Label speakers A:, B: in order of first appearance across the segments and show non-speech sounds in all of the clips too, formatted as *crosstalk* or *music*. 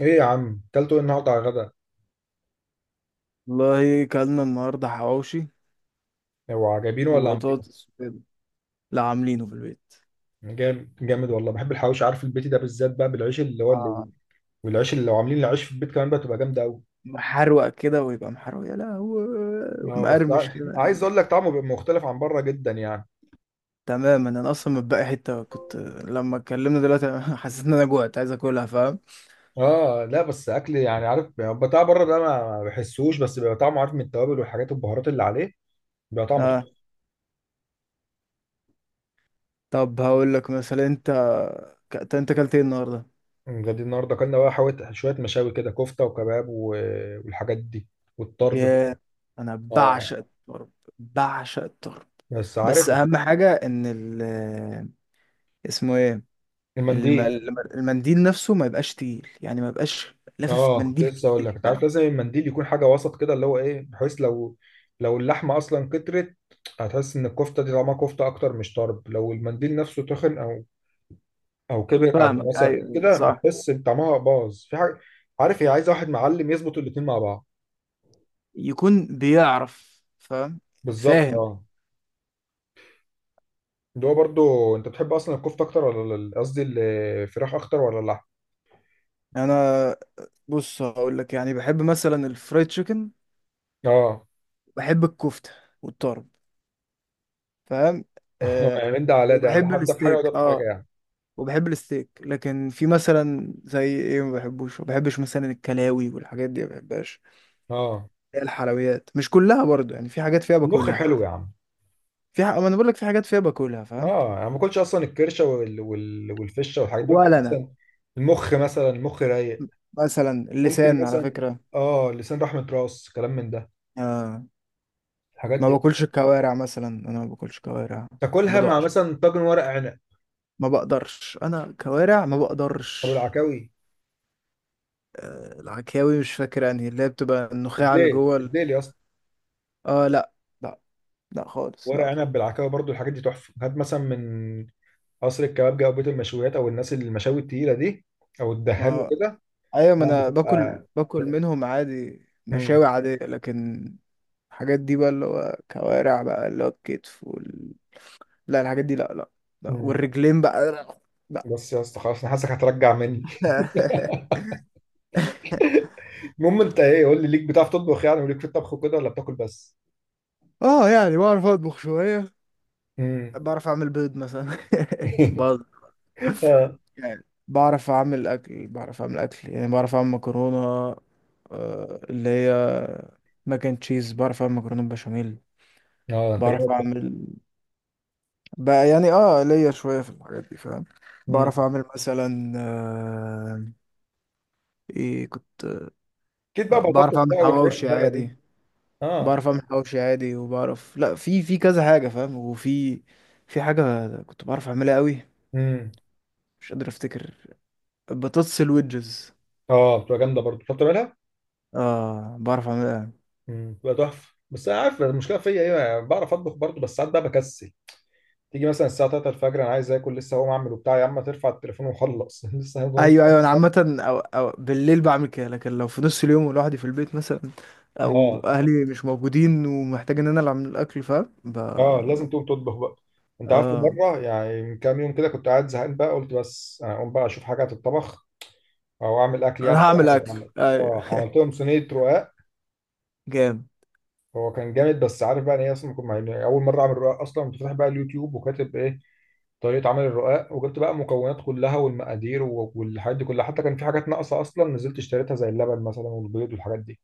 A: ايه يا عم اكلته ايه النهارده على الغدا؟
B: والله كلنا النهارده حواوشي
A: هو عجبينه ولا عاملين؟
B: وبطاطس وكده. لا، عاملينه في البيت.
A: جامد جامد والله، بحب الحواوشي. عارف البيتي ده بالذات بقى بالعيش اللي هو اللي
B: اه،
A: والعيش اللي لو عاملين العيش في البيت كمان بقى تبقى جامده قوي.
B: محروق كده، ويبقى محروق يا لهوي،
A: اه بس
B: ومقرمش كده.
A: عايز اقول لك طعمه بيبقى مختلف عن بره جدا يعني.
B: تماما، انا اصلا متبقي حته. كنت لما اتكلمنا دلوقتي *laughs* حسيت ان انا جوعت، عايز اكلها، فاهم؟
A: اه لا بس اكل يعني، عارف بتاع بره ده ما بحسوش، بس بيبقى طعمه عارف من التوابل والحاجات البهارات اللي عليه بيبقى طعمه.
B: اه. طب هقول لك مثلا، انت انت اكلت ايه النهارده؟
A: طعم غادي النهارده اكلنا بقى شويه مشاوي كده، كفته وكباب والحاجات دي والطرب بقى.
B: يا، انا
A: اه
B: بعشق الطرب. بعشق الطرب.
A: بس
B: بس
A: عارف،
B: اهم حاجه ان ال، اسمه ايه،
A: المنديل.
B: المنديل نفسه ما يبقاش تقيل، يعني ما يبقاش لافف
A: اه كنت
B: منديل
A: لسه اقول لك
B: كتير،
A: انت عارف
B: فاهم؟
A: لازم المنديل يكون حاجه وسط كده، اللي هو ايه، بحيث لو لو اللحمه اصلا كترت هتحس ان الكفته دي طعمها كفته اكتر مش طرب. لو المنديل نفسه تخن او او كبر او
B: فاهمك،
A: مثلا
B: ايوه
A: كده،
B: صح.
A: بتحس ان طعمها باظ في حاجه. عارف، هي عايزه واحد معلم يظبط الاتنين مع بعض.
B: يكون بيعرف، فاهم؟
A: بالظبط
B: فاهم.
A: اه. اللي هو برضو انت بتحب اصلا الكفته اكتر ولا قصدي الفراخ اكتر ولا اللحم؟
B: انا، بص هقول لك، يعني بحب مثلا الفرايد تشيكن.
A: اه.
B: بحب الكفته والطرب، فاهم؟
A: *laughs*
B: أه.
A: يعني من ده على ده يعني، ده
B: وبحب
A: في ده في حاجه وده
B: الستيك،
A: في حاجه
B: اه،
A: يعني.
B: وبحب الستيك. لكن في مثلا زي ايه ما بحبوش، ما بحبش مثلا الكلاوي والحاجات دي، ما بحبهاش.
A: اه.
B: الحلويات مش كلها برضو، يعني في حاجات فيها
A: المخ
B: باكلها
A: حلو
B: عادي.
A: يا عم.
B: في ما انا بقول لك في حاجات فيها باكلها، فاهم؟
A: اه انا ما باكلش اصلا الكرشه والفشه والحاجات دي، باكل
B: ولا انا.
A: مثلا المخ، مثلا المخ رايق.
B: مثلا
A: ممكن
B: اللسان على
A: مثلا
B: فكرة.
A: اه، لسان، رحمه، راس، كلام من ده
B: آه،
A: الحاجات
B: ما
A: دي.
B: باكلش الكوارع مثلا، انا ما باكلش كوارع. ما
A: تاكلها مع
B: بقدرش.
A: مثلا طاجن ورق عنب
B: ما بقدرش انا كوارع ما
A: او
B: بقدرش.
A: العكاوي.
B: آه، العكاوي مش فاكر انهي اللي هي بتبقى النخاع اللي
A: الديل
B: جوه
A: الديل يا اسطى.
B: اه لا. لا. لا خالص،
A: ورق
B: لا.
A: عنب بالعكاوي برضو الحاجات دي تحفه، هات مثلا من قصر الكبابجي او بيت المشويات او الناس اللي المشاوي التقيله دي او الدهان
B: ما،
A: وكده.
B: ايوه ما
A: لا
B: انا باكل
A: بتبقى،
B: باكل منهم عادي،
A: مم.
B: مشاوي عادية، لكن الحاجات دي بقى، اللي هو كوارع بقى، اللي هو الكتف لا الحاجات دي لا، لا، لا.
A: مم.
B: والرجلين بقى، لا.
A: بس يا اسطى خلاص انا حاسسك هترجع مني.
B: لا. *laughs* *laughs*
A: *laughs* المهم انت ايه؟ قول لي، ليك بتعرف تطبخ يعني، وليك في الطبخ وكده، ولا بتاكل بس؟
B: اه، يعني بعرف اطبخ شوية.
A: امم.
B: بعرف اعمل بيض مثلا. *laughs*
A: *laughs*
B: بعض
A: اه.
B: يعني. بعرف اعمل اكل يعني، بعرف اعمل مكرونة. آه، اللي هي ماك اند تشيز. بعرف اعمل مكرونة بشاميل.
A: اه انت جامد
B: بعرف
A: بقى.
B: اعمل، بقى يعني، اه ليا شوية في الحاجات دي، فاهم؟
A: امم،
B: بعرف اعمل مثلا آه، ايه كنت؟
A: اكيد بقى
B: آه، بعرف
A: بطاطس
B: اعمل
A: بقى والحاجات
B: حواوشي
A: الباقيه دي.
B: عادي.
A: اه.
B: بعرف اعمل حواوشي عادي، وبعرف، لا في كذا حاجة، فاهم؟ وفي في حاجة كنت بعرف اعملها قوي،
A: امم.
B: مش قادر افتكر. بطاطس الويدجز.
A: اه بتبقى جامده برضه، بتعرف تعملها.
B: اه، بعرف اعملها.
A: امم، بتبقى تحفه. بس انا عارف المشكله فيا ايه، يعني بعرف اطبخ برضه بس ساعات بقى بكسل. تيجي مثلا الساعه 3 الفجر انا عايز اكل، لسه هقوم اعمل وبتاع، يا عم ترفع التليفون وخلص. *laughs*
B: ايوه ايوه، انا عامه أو بالليل بعمل كده، لكن لو في نص اليوم لوحدي في البيت مثلا، او
A: اه.
B: اهلي مش موجودين ومحتاج ان انا اللي اعمل الاكل، فاهم؟
A: اه لازم تقوم تطبخ بقى. انت عارف
B: اه
A: مره، يعني من كام يوم كده كنت قاعد زهقان بقى، قلت بس انا اقوم بقى اشوف حاجه تتطبخ او اعمل اكل يعني،
B: انا
A: او
B: هعمل
A: أي حاجه
B: اكل،
A: تتعمل. اه
B: ايوه.
A: عملت
B: *laughs*
A: لهم صينيه رقاق.
B: جامد.
A: هو كان جامد. بس عارف بقى، ان هي اصلا كنت يعني اول مره اعمل رقاق اصلا، كنت فاتح بقى اليوتيوب وكاتب ايه، طريقه عمل الرقاق، وجبت بقى المكونات كلها والمقادير والحاجات دي كلها، حتى كان في حاجات ناقصه اصلا نزلت اشتريتها زي اللبن مثلا والبيض والحاجات دي.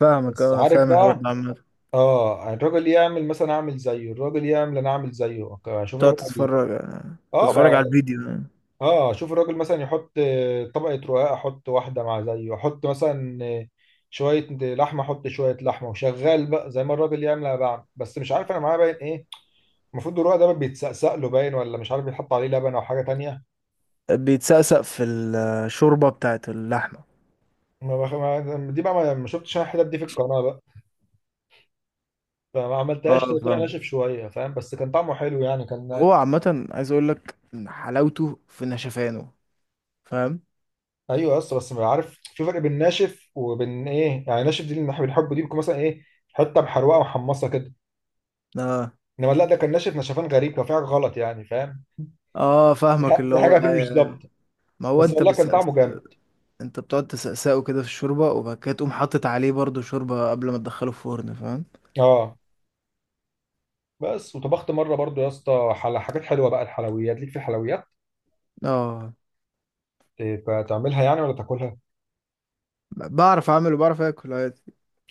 B: فاهمك،
A: بس
B: اه
A: عارف
B: فاهم الحوار
A: بقى،
B: ده عامه.
A: اه يعني الراجل يعمل مثلا اعمل زيه، الراجل يعمل انا اعمل زيه، اشوف الراجل
B: تقعد تتفرج، آه،
A: اه
B: تتفرج على
A: بقى،
B: الفيديو. آه.
A: اه اشوف الراجل مثلا يحط طبقه رقاق احط واحده مع زيه، احط مثلا شويه لحمه، احط شويه لحمه، وشغال بقى زي ما الراجل يعمل انا بعمل. بس مش عارف انا معايا باين ايه، المفروض الرقع ده بيتسقسق له باين، ولا مش عارف بيتحط عليه لبن او حاجه تانية.
B: بيتسقسق في الشوربه بتاعت اللحمه.
A: ما بخ... ما... دي بقى ما شفتش انا الحتت دي في القناه بقى، فما عملتهاش،
B: اه
A: طلع
B: فاهم.
A: ناشف شويه فاهم، بس كان طعمه حلو يعني كان.
B: هو عامه عايز اقول لك إن حلاوته في نشفانه، فاهم؟
A: ايوه، بس ما عارف في فرق بين ناشف وبين ايه، يعني ناشف دي اللي احنا بنحبه دي بتكون مثلا ايه، حته محروقه ومحمصه كده.
B: اه
A: انما لا ده كان ناشف نشفان غريب، كان في حاجه غلط يعني فاهم،
B: اه. فاهمك، اللي
A: في
B: هو
A: حاجه فيه مش
B: أيوة.
A: ظابطه.
B: ما هو
A: بس
B: انت
A: والله
B: بس،
A: كان طعمه جامد.
B: انت بتقعد تسقسقه كده في الشوربه، وبعد كده تقوم حاطط عليه برضو شوربه قبل ما تدخله الفرن، فاهم؟
A: اه بس وطبخت مره برضو يا اسطى حاجات حلوه بقى، الحلويات ليك في الحلويات؟
B: اه،
A: إيه، بتعملها يعني ولا تاكلها؟
B: بعرف اعمل وبعرف اكل عادي،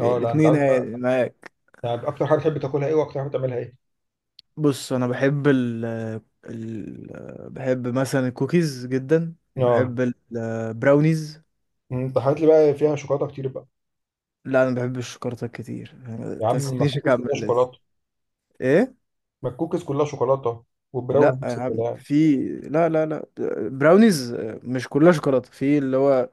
A: اه لا انت
B: الاتنين
A: عارف بقى،
B: عادي معاك.
A: يعني اكتر حاجه بتحب تاكلها ايه، واكتر حاجه بتعملها ايه؟
B: بص انا بحب ال ال بحب مثلا الكوكيز جدا،
A: اه.
B: وبحب البراونيز.
A: انت حاجات لي بقى فيها شوكولاته كتير بقى.
B: لا انا بحب الشوكولاته كتير، ما
A: يا عم
B: تستنيش
A: المكوكس كلها
B: اكمل لسه.
A: شوكولاته.
B: ايه؟
A: المكوكس كلها شوكولاته،
B: لا
A: والبراونيز
B: يا
A: نفس
B: عم،
A: الكلام.
B: في، لا لا لا، براونيز مش كلها شوكولاته، في اللي هو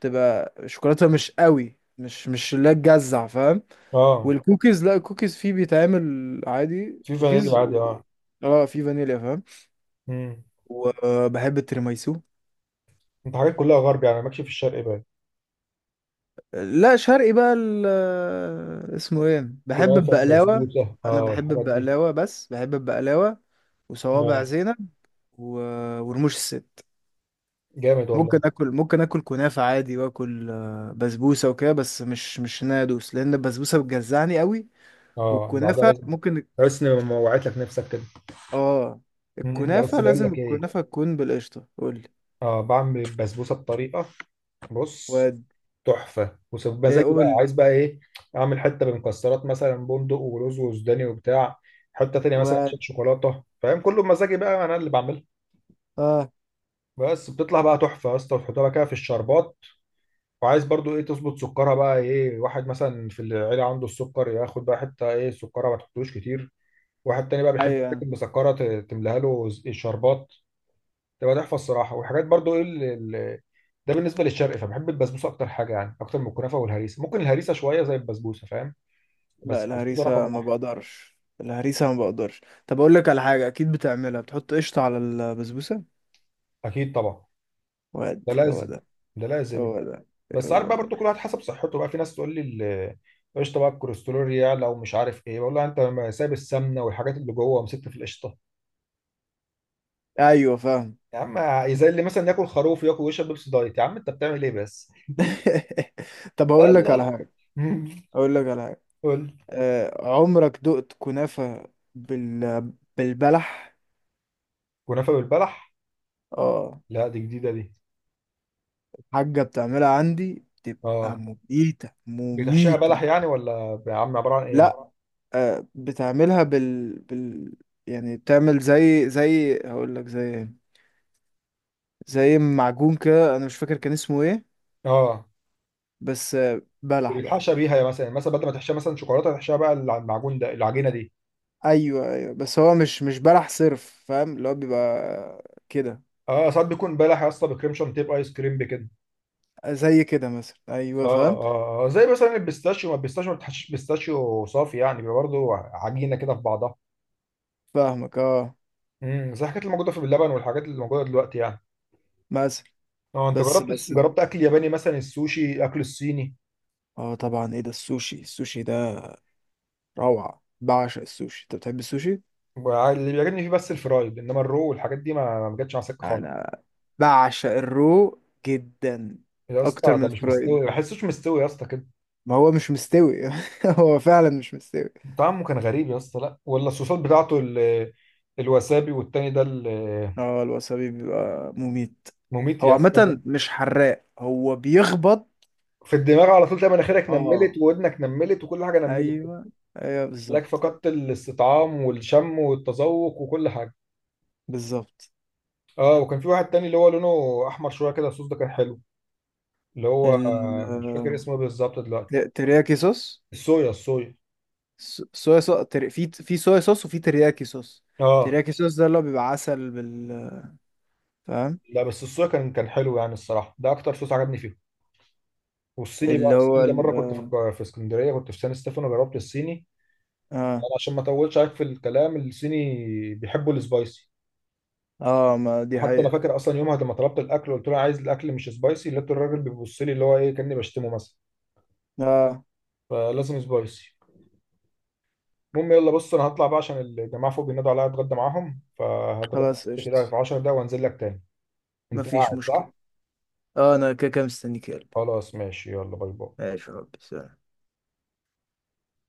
B: تبقى شوكولاته مش قوي، مش اللي هي تجزع، فاهم؟
A: اه،
B: والكوكيز لا، الكوكيز فيه بيتعمل عادي
A: في فانيليا
B: كوكيز
A: عادي
B: و...
A: اه.
B: اه في فانيليا، فاهم.
A: امم.
B: وبحب التيراميسو.
A: انت حاجات كلها غرب يعني، ماكش في الشرق بقى؟
B: لا شرقي بقى، اسمه ايه، بحب
A: كنافه،
B: البقلاوه.
A: بسبوسه،
B: انا
A: اه
B: بحب
A: الحاجات دي.
B: البقلاوه، بس بحب البقلاوه، وصوابع
A: اه،
B: زينب و... ورموش الست.
A: جامد والله.
B: ممكن اكل، ممكن اكل كنافه عادي، واكل آه، بسبوسه وكده، بس مش ان انا ادوس، لان البسبوسه بتجزعني قوي.
A: اه بعدها
B: والكنافه
A: لازم
B: ممكن.
A: تحس ان ما وعيت لك نفسك كده.
B: اه.
A: مم. لا بس
B: الكنافه
A: بقول
B: لازم
A: لك ايه،
B: الكنافه تكون بالقشطه. قول لي،
A: اه بعمل البسبوسه بطريقه، بص،
B: واد،
A: تحفه
B: ايه
A: ومزاجي بقى،
B: قول لي
A: عايز بقى ايه، اعمل حته بمكسرات مثلا، بندق ورز وسوداني وبتاع، حته تانية مثلا عشان
B: واد،
A: شوكولاته فاهم، كله بمزاجي بقى انا اللي بعمله.
B: اه
A: بس بتطلع بقى تحفه يا اسطى، وتحطها بقى كده في الشربات. وعايز برضو ايه، تظبط سكرها بقى، ايه واحد مثلا في العيله عنده السكر، ياخد بقى حته ايه سكرها ما تحطوش كتير، واحد تاني بقى بيحب الحاجات
B: ايوه.
A: المسكره تملاها له الشربات، تبقى تحفه الصراحه. والحاجات برضو ايه ده بالنسبه للشرق. فبحب البسبوسه اكتر حاجه يعني، اكتر من الكنافه والهريسه. ممكن الهريسه شويه زي البسبوسه فاهم.
B: لا
A: بس الفلوس رقم
B: الهريسه ما
A: واحد.
B: بقدرش، الهريسه ما بقدرش. طب اقول لك على حاجه، اكيد بتعملها، بتحط قشطه على البسبوسه.
A: اكيد طبعا.
B: واد
A: ده
B: هو
A: لازم،
B: ده.
A: ده لازم.
B: هو ده.
A: بس عارف
B: هو
A: بقى
B: ده.
A: برضو، كل واحد حسب صحته بقى، في ناس تقول لي قشطه بقى الكوليسترول يعلى ومش عارف ايه، بقول لها انت ما سايب السمنه والحاجات اللي جوه ومسكت في القشطه
B: ايوه فاهم.
A: يا عم؟ زي اللي مثلا ياكل خروف وياكل ويشرب بيبسي دايت، يا عم انت بتعمل ايه بس؟
B: *laughs* طب اقول لك على
A: الله.
B: حاجه،
A: *laughs*
B: اقول لك على حاجه،
A: قول.
B: آه، عمرك دقت كنافة بالبلح؟
A: كنافه بالبلح؟
B: اه.
A: لا دي جديده دي.
B: الحاجة بتعملها عندي بتبقى
A: اه
B: مميتة
A: بتحشيها بلح
B: مميتة.
A: يعني، ولا يا عم عباره عن ايه؟
B: لا، آه، بتعملها بال... بال يعني بتعمل زي هقول لك زي إيه؟ زي معجون كده، انا مش فاكر كان اسمه ايه،
A: اه
B: بس آه، بلح بقى.
A: بتحشى بيها، يا مثلا مثلا بدل ما تحشيها مثلا شوكولاته، تحشيها بقى المعجون ده العجينه دي.
B: ايوه ايوه، بس هو مش بلح صرف، فاهم؟ اللي هو بيبقى كده.
A: اه ساعات بيكون بلح يا اسطى بكريم شانتيه، ايس كريم، بكده.
B: زي كده مثلا،
A: اه
B: ايوه فاهم.
A: اه زي مثلا البيستاشيو، ما البيستاشيو ما بتحشيش بيستاشيو صافي يعني، بيبقى برضه عجينه كده في بعضها.
B: فاهمك، اه.
A: امم، زي الحاجات اللي موجوده في اللبن والحاجات اللي موجوده دلوقتي يعني.
B: مثلا،
A: اه انت
B: بس
A: جربت،
B: بس
A: جربت اكل ياباني مثلا، السوشي، اكل الصيني؟
B: اه طبعا. ايه ده السوشي؟ السوشي ده روعة، بعشق السوشي. انت بتحب السوشي؟
A: اللي بيعجبني فيه بس الفرايد، انما الرو والحاجات دي ما جاتش على سكه خالص.
B: انا بعشق الرو جدا،
A: يا
B: اكتر
A: اسطى
B: من
A: ده مش مستوي،
B: الفرايد.
A: ما بحسوش مستوي يا اسطى كده.
B: ما هو مش مستوي *laughs* هو فعلا مش مستوي.
A: طعمه كان غريب يا اسطى، لا ولا الصوصات بتاعته الوسابي والتاني ده
B: اه الوسابي بيبقى مميت.
A: مميت
B: هو
A: يا اسطى.
B: عامة مش حراق، هو بيخبط.
A: في الدماغ على طول، تلاقي مناخيرك نملت
B: اه
A: وودنك نملت وكل حاجه نملت
B: ايوه، ايوه
A: لك،
B: بالظبط.
A: فقدت الاستطعام والشم والتذوق وكل حاجه.
B: بالظبط.
A: اه. وكان في واحد تاني اللي هو لونه احمر شويه كده، الصوص ده كان حلو، اللي هو
B: ال،
A: مش فاكر اسمه إيه بالظبط دلوقتي.
B: آه، ترياكي صوص.
A: الصويا، الصويا.
B: صويا صوص، في صويا صوص، وفي ترياكي صوص.
A: اه
B: ترياكي صوص ده اللي هو بيبقى عسل بال، فاهم.
A: لا بس الصويا كان كان حلو يعني الصراحه، ده اكتر صوص عجبني فيه. والصيني بقى،
B: اللي هو
A: الصيني ده مره
B: ال،
A: كنت في في اسكندريه، كنت في سان ستيفانو جربت الصيني.
B: اه
A: انا عشان ما اطولش عليك في الكلام، الصيني بيحبوا السبايسي.
B: اه ما دي
A: حتى انا
B: حقيقة.
A: فاكر اصلا يومها لما طلبت الاكل قلت له عايز الاكل مش سبايسي، لقيت الراجل بيبص لي، اللي هو ايه كاني بشتمه مثلا،
B: اه.
A: فلازم سبايسي. المهم يلا، بص انا هطلع بقى عشان الجماعه فوق بينادوا عليا اتغدى معاهم، فهتغدى
B: خلاص
A: بس كده
B: قشطة،
A: في 10 دقايق وانزل لك تاني. انت
B: مفيش
A: قاعد
B: مشكلة.
A: صح؟
B: اه انا كده كده مستنيك يا قلبي.
A: خلاص ماشي، يلا باي باي.
B: ماشي، يا رب سلام.